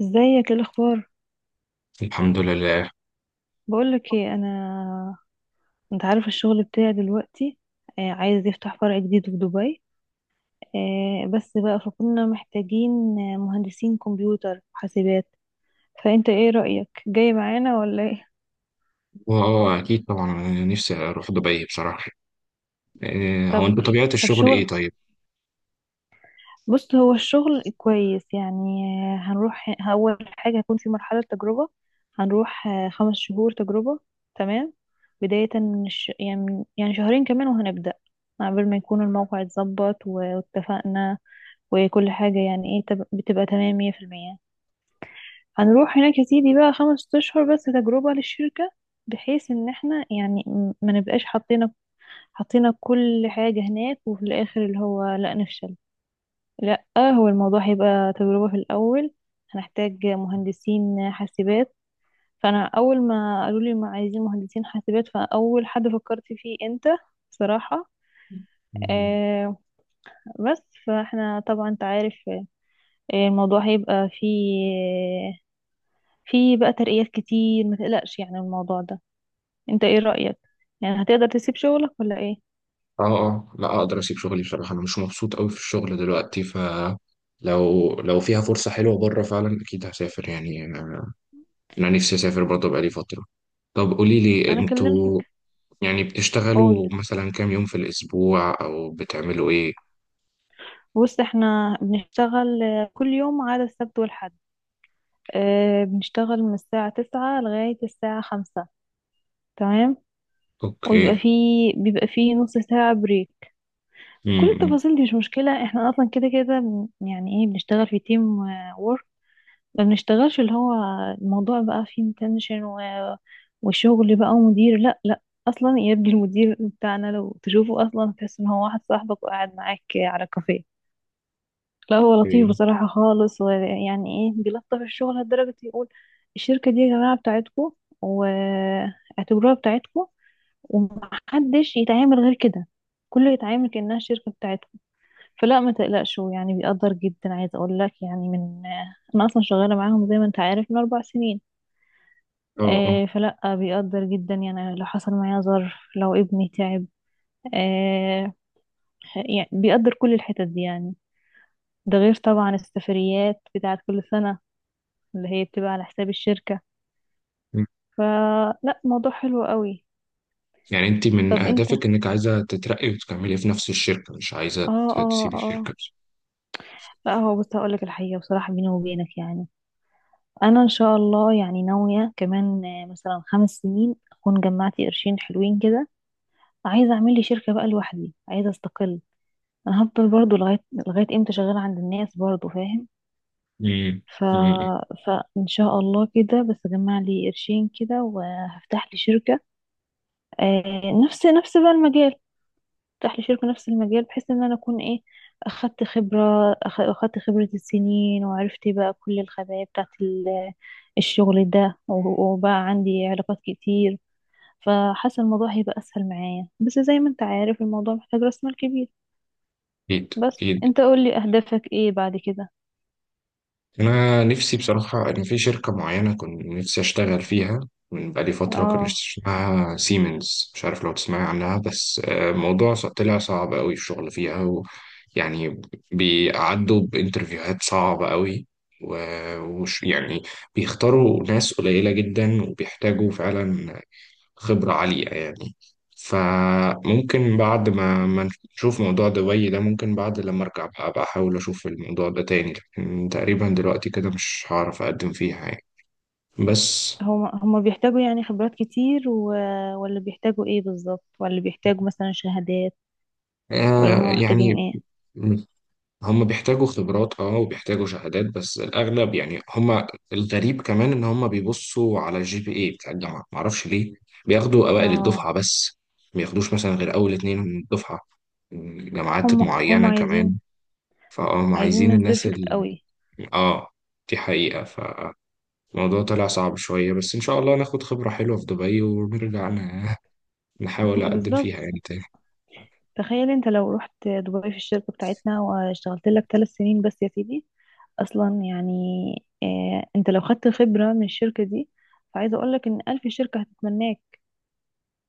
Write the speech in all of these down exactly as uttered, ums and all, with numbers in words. ازيك؟ ايه الاخبار؟ الحمد لله. بقولك ايه، انا انت عارف الشغل بتاعي دلوقتي. آه، عايز يفتح فرع جديد في دبي. آه، بس بقى فكنا محتاجين آه، مهندسين كمبيوتر وحاسبات. فانت ايه رأيك، جاي معانا ولا ايه؟ اه آه، اكيد طبعا انا نفسي اروح دبي بصراحه. إيه، هو طب. انت بطبيعه طب الشغل ايه شغل. طيب؟ بص، هو الشغل كويس يعني. هنروح أول حاجة هيكون في مرحلة تجربة. هنروح آه، خمس شهور تجربة. تمام. بداية من الش... يعني من- يعني شهرين كمان وهنبدأ، قبل ما يكون الموقع اتظبط و- واتفقنا، وكل حاجة يعني ايه تب- بتبقى تمام مية في المية. هنروح هناك يا سيدي بقى خمس أشهر بس تجربة للشركة، بحيث ان احنا يعني م- ما نبقاش حطينا حطينا كل حاجة هناك وفي الآخر اللي هو لا نفشل. لا. هو الموضوع هيبقى تجربة في الأول. هنحتاج مهندسين حاسبات. فأنا أول ما قالوا لي ما عايزين مهندسين حاسبات فأول حد فكرت فيه أنت. بصراحة. مم. آه. بس فاحنا طبعا انت عارف، آه، الموضوع هيبقى فيه فيه بقى ترقيات كتير، ما تقلقش يعني الموضوع ده. انت ايه رأيك؟ يعني هتقدر تسيب شغلك ولا ايه؟ اه اه لا اقدر اسيب شغلي بصراحه، انا مش مبسوط قوي في الشغل دلوقتي، ف لو لو فيها فرصه حلوه بره فعلا، اكيد هسافر، يعني انا أنا نفسي اسافر برضه بقالي فتره. طب قولي لي انا انتوا كلمتك. يعني قول. بتشتغلوا مثلا كام يوم في الاسبوع او بتعملوا ايه؟ بص، احنا بنشتغل آه، كل يوم ما عدا السبت والحد. آه، بنشتغل من الساعة تسعة لغاية الساعة خمسة. تمام. ويبقى اوكي. في بيبقى في نص ساعة بريك. كل امم. التفاصيل دي مش مشكلة، احنا اصلا كده كده بن- يعني ايه بنشتغل في تيم وورك. ما بنشتغلش اللي هو الموضوع بقى فيه تنشن و... وشغل بقى ومدير. لا لا. اصلا يبدي المدير بتاعنا لو تشوفه اصلا تحس ان هو واحد صاحبك وقاعد معاك على كافيه. لا، هو لطيف اوكي. بصراحة خالص، ويعني ايه بيلطف الشغل لدرجة يقول: الشركة دي يا جماعة بتاعتكم، واعتبروها بتاعتكم، ومحدش يتعامل غير كده، كله يتعامل كأنها شركة بتاعتكم. فلا ما تقلقش، هو يعني بيقدر جدا، عايز اقول لك يعني من انا اصلا شغالة معاهم زي ما انت عارف من اربع سنين. اه، اه، آه، فلا بيقدر جدا يعني لو حصل معايا ظرف لو ابني تعب، آه، يعني بيقدر كل الحتت دي يعني. ده غير طبعا السفريات بتاعت كل سنة اللي هي بتبقى على حساب الشركة. فلا، موضوع حلو قوي. يعني انت من طب انت، اه، اهدافك انك عايزه تترقي وتكملي في نفس الشركه، مش عايزه اه، ت- تسيبي اه، الشركه بس؟ لا، هو بص هقولك الحقيقة، بصراحة بيني وبينك يعني، انا ان شاء الله يعني ناوية كمان آه، مثلا خمس سنين اكون جمعت قرشين حلوين كده، عايزة اعمل لي شركة بقى لوحدي، عايزة استقل. انا هفضل برضو لغاية لغاية امتى شغالة عند الناس برضو، فاهم؟ امم، ف... امم. فان شاء الله كده بس اجمع لي قرشين كده وهفتح لي شركة. آه، نفس نفس بقى المجال. افتح لي شركة نفس المجال، بحيث ان انا اكون ايه، اخدت خبرة أخ- اخدت خبرة السنين، وعرفت بقى كل الخبايا بتاعت ال- الشغل ده و- وبقى عندي علاقات كتير. فحاسة الموضوع هيبقى اسهل معايا، بس زي ما انت عارف الموضوع محتاج راس مال كبير. اكيد، بس اكيد. انت قول لي اهدافك ايه بعد كده؟ انا نفسي بصراحه ان في شركه معينه كنت نفسي اشتغل فيها من بقالي فتره، كان اه. اسمها سيمنز، مش عارف لو تسمعي عنها، بس آه، الموضوع ص- طلع صعب قوي الشغل فيها، و يعني بيعدوا بانترفيوهات صعبه قوي، و- وش يعني بيختاروا ناس قليله جدا، وبيحتاجوا فعلا خبرة عالية يعني. فممكن بعد ما ما نشوف موضوع دبي ده، ممكن بعد لما أرجع بقى أبقى أحاول أشوف الموضوع ده تاني، لكن تقريبا دلوقتي كده مش هعرف أقدم فيها يعني. بس هما هما بيحتاجوا يعني خبرات كتير و... ولا بيحتاجوا ايه بالظبط؟ ولا بيحتاجوا مثلا شهادات؟ ولا آه هما محتاجين يعني ايه؟ هم بيحتاجوا خبرات اه وبيحتاجوا شهادات، بس الأغلب يعني هم. الغريب كمان إن هم بيبصوا على الجي بي إيه بتاع الجامعة، معرفش ليه. بياخدوا أوائل اه. الدفعة بس، ما بياخدوش مثلا غير أول اتنين من الدفعة، جامعات هم هم معينة عايزين كمان. فاه ما عايزين عايزين ناس الناس بيرفكت ال... قوي. اه، دي حقيقة، فالموضوع طلع صعب شوية، بس إن شاء الله ناخد خبرة حلوة في دبي ونرجع ن- نحاول أقدم فيها بالظبط. يعني تاني. تخيل انت لو رحت دبي في الشركة بتاعتنا واشتغلت لك ثلاث سنين بس يا سيدي، اصلا يعني اه انت لو خدت خبرة من الشركة دي، فعايزة اقول لك ان الف شركة هتتمناك.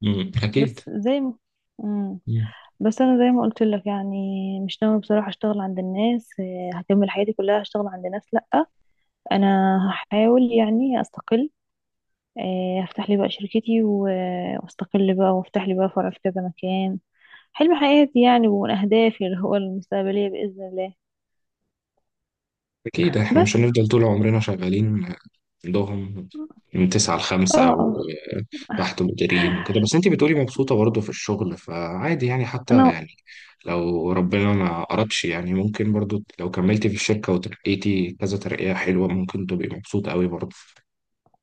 مم، أكيد. بس زي ما... مم. مم. بس انا زي ما قلت لك يعني، مش ناوي بصراحة اشتغل عند الناس، آه، هكمل حياتي كلها اشتغل عند ناس؟ لا. انا هحاول يعني استقل، آه، هفتح لي بقى شركتي و- آه، واستقل بقى وافتح لي بقى فرع في كذا مكان. حلم حياتي يعني، ومن أهدافي اللي هو المستقبلية بإذن الله. أكيد إحنا مش بس، هنفضل طول عمرنا شغالين عندهم من تسعة لخمسة اه، اه، وتحت مديرين وكده، بس أنتي بتقولي مبسوطة برضه في الشغل، فعادي يعني حتى أنا، يعني، لو ربنا ما أردش يعني، ممكن برضه لو كملتي في الشركة وترقيتي كذا ترقية حلوة، ممكن تبقي مبسوطة قوي برضه.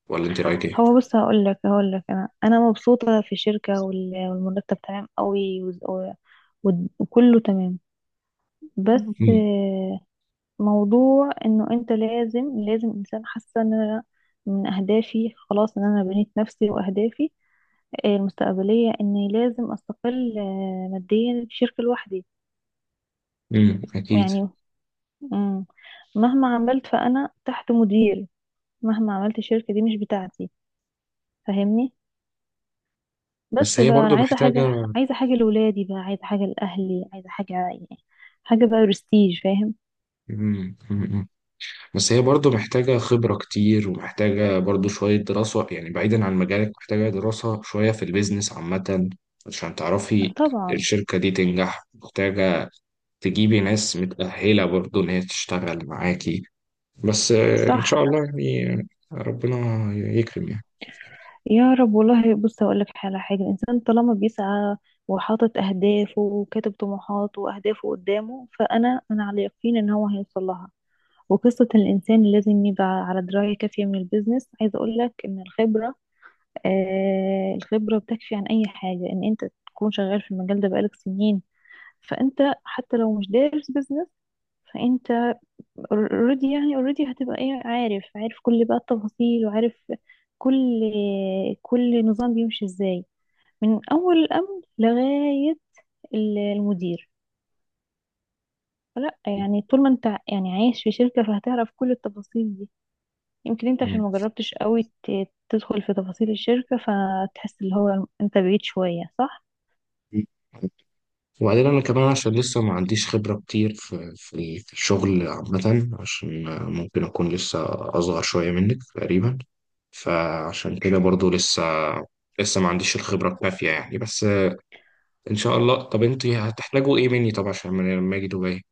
ولا انت رايك ايه؟ هو بص هقول لك هقول لك أنا أنا مبسوطة في الشركة وال- والمرتب تمام قوي وز- و- و- وكله تمام. بس، مم. آه، موضوع إنه أنت لازم لازم إنسان، حاسة إن أنا من أهدافي خلاص إن أنا بنيت نفسي وأهدافي آه، المستقبلية، إني لازم أستقل آه، ماديا في شركة لوحدي مم. اكيد. يعني. مم. مهما عملت فأنا تحت مديري، مهما عملت الشركة دي مش بتاعتي. فاهمني؟ بس بس هي بقى أنا برضو عايزة محتاجة. حاجة، عايزة حاجة لولادي بقى، عايزة حاجة لأهلي، عايزة حاجة يعني حاجة بقى برستيج، فاهم؟ مم. مم. بس هي برضو محتاجة خبرة كتير، ومحتاجة برضو شوية دراسة يعني، بعيدا عن مجالك محتاجة دراسة شوية في البيزنس عامة، عشان تعرفي طبعا. الشركة دي تنجح، محتاجة تجيبي ناس متأهلة برضو إن هي تشتغل معاكي. بس آه، إن شاء صح. الله يعني. آه، ربنا يكرم يعني. يا رب والله. بص، أقول لك على حاجة: الإنسان طالما بيسعى وحاطط أهدافه وكاتب طموحاته وأهدافه قدامه، فأنا أنا على يقين إن هو هيوصل لها. وقصة الإنسان لازم يبقى على دراية كافية من البيزنس، عايزة أقول لك إن الخبرة، آه الخبرة بتكفي عن أي حاجة، إن أنت تكون شغال في المجال ده بقالك سنين. فأنت، حتى لو مش دارس بيزنس، فأنت اوريدي يعني، اوريدي هتبقى إيه، عارف عارف كل بقى التفاصيل، وعارف كل كل نظام بيمشي إزاي، من أول الأمن لغاية ال- المدير. فلا يعني طول ما أنت يعني عايش في شركة فهتعرف كل التفاصيل دي. يمكن أنت عشان ما جربتش قوي ت- تدخل في تفاصيل الشركة، فتحس اللي هو أنت بعيد شوية، صح؟ مم. وبعدين انا كمان عشان لسه ما عنديش خبرة كتير في في في الشغل عامة، عشان ممكن اكون لسه اصغر شوية منك تقريبا، فعشان كده برضو لسه لسه ما عنديش الخبرة الكافية يعني. بس ان شاء الله. طب انت هتحتاجوا ايه مني، طب عشان لما لما اجي دبي؟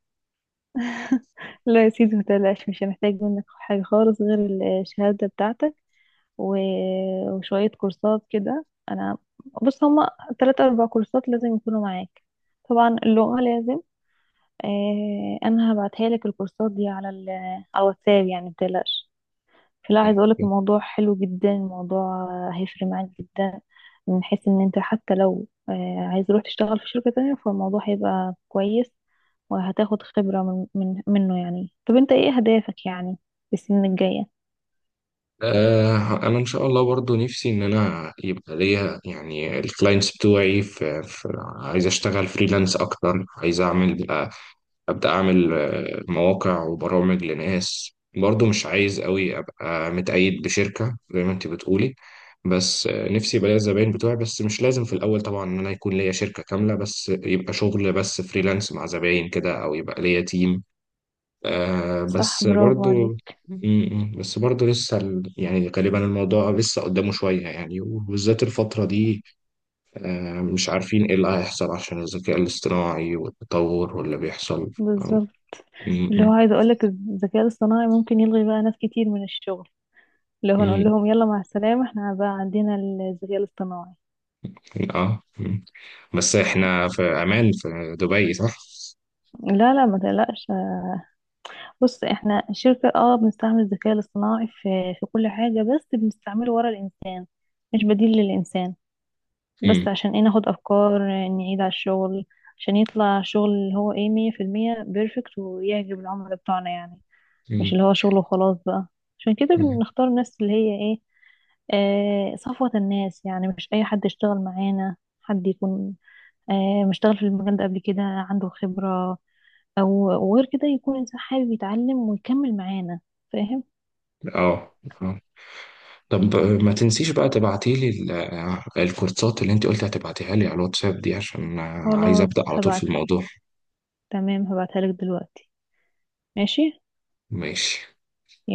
لا يا سيدي، متقلقش، مش هنحتاج منك حاجة خالص غير الشهادة بتاعتك و... وشوية كورسات كده. أنا، بص، هما تلات أربع كورسات لازم يكونوا معاك. طبعا اللغة لازم. آه أنا هبعتها لك الكورسات دي على ال... على الواتساب يعني، متقلقش. فلا، طيب. عايز أقولك الموضوع حلو جدا، الموضوع هيفرق معاك جدا، من حيث إن أنت حتى لو آه عايز تروح تشتغل في شركة تانية فالموضوع هيبقى كويس، وهتاخد خبرة من من منه يعني. طب انت ايه اهدافك يعني في السنين الجاية؟ آه انا ان شاء الله برضو نفسي ان انا يبقى ليا، يعني الكلاينتس بتوعي في, في عايز اشتغل فريلانس اكتر، عايز اعمل آه، أبدأ أعمل آه، مواقع وبرامج لناس برضو. مش عايز قوي أبقى متقيد بشركة زي ما أنت بتقولي. بس آه، نفسي يبقى ليا الزباين بتوعي، بس مش لازم في الأول طبعا إن أنا يكون ليا شركة كاملة، بس يبقى شغل بس فريلانس مع زباين كده، أو يبقى ليا تيم. آه صح، بس برافو برضو م- عليك. م- بس برضو لسه ال- يعني غالبا الموضوع لسه قدامه شوية يعني، وبالذات الفترة دي. آه مش عارفين إيه اللي هيحصل عشان الذكاء الاصطناعي والتطور واللي بيحصل. بالظبط. اللي هو م- عايز اقولك الذكاء الاصطناعي ممكن يلغي بقى ناس كتير من الشغل، اللي هو نقول مم. لهم يلا مع السلامة، احنا بقى عندنا الذكاء الاصطناعي. اه. مم. بس احنا في عمان في دبي صح؟ لا، لا، ما تقلقش. بص، احنا الشركة اه بنستعمل الذكاء الاصطناعي في في كل حاجة، بس بنستعمله ورا الانسان، مش بديل للانسان. بس مم. عشان ايه؟ ناخد افكار، نعيد على الشغل، عشان يطلع شغل اللي هو ايه مية في المية بيرفكت ويعجب العملاء بتوعنا يعني. مش مم. اللي هو شغل وخلاص بقى. عشان كده مم. بنختار الناس اللي هي ايه، آه صفوة الناس يعني، مش اي حد يشتغل معانا. حد يكون آه مشتغل في المجال ده قبل كده عنده خبرة، او وغير كده يكون انسان حابب يتعلم ويكمل معانا. فاهم؟ اه، اه. طب آه، ما تنسيش بقى تبعتي لي ال- آه، الكورسات اللي انت قلت هتبعتيها لي على الواتساب دي، عشان آه، عايز ابدا خلاص، على طول في هبعت. الموضوع. تمام، هبعتها لك دلوقتي. ماشي. ماشي.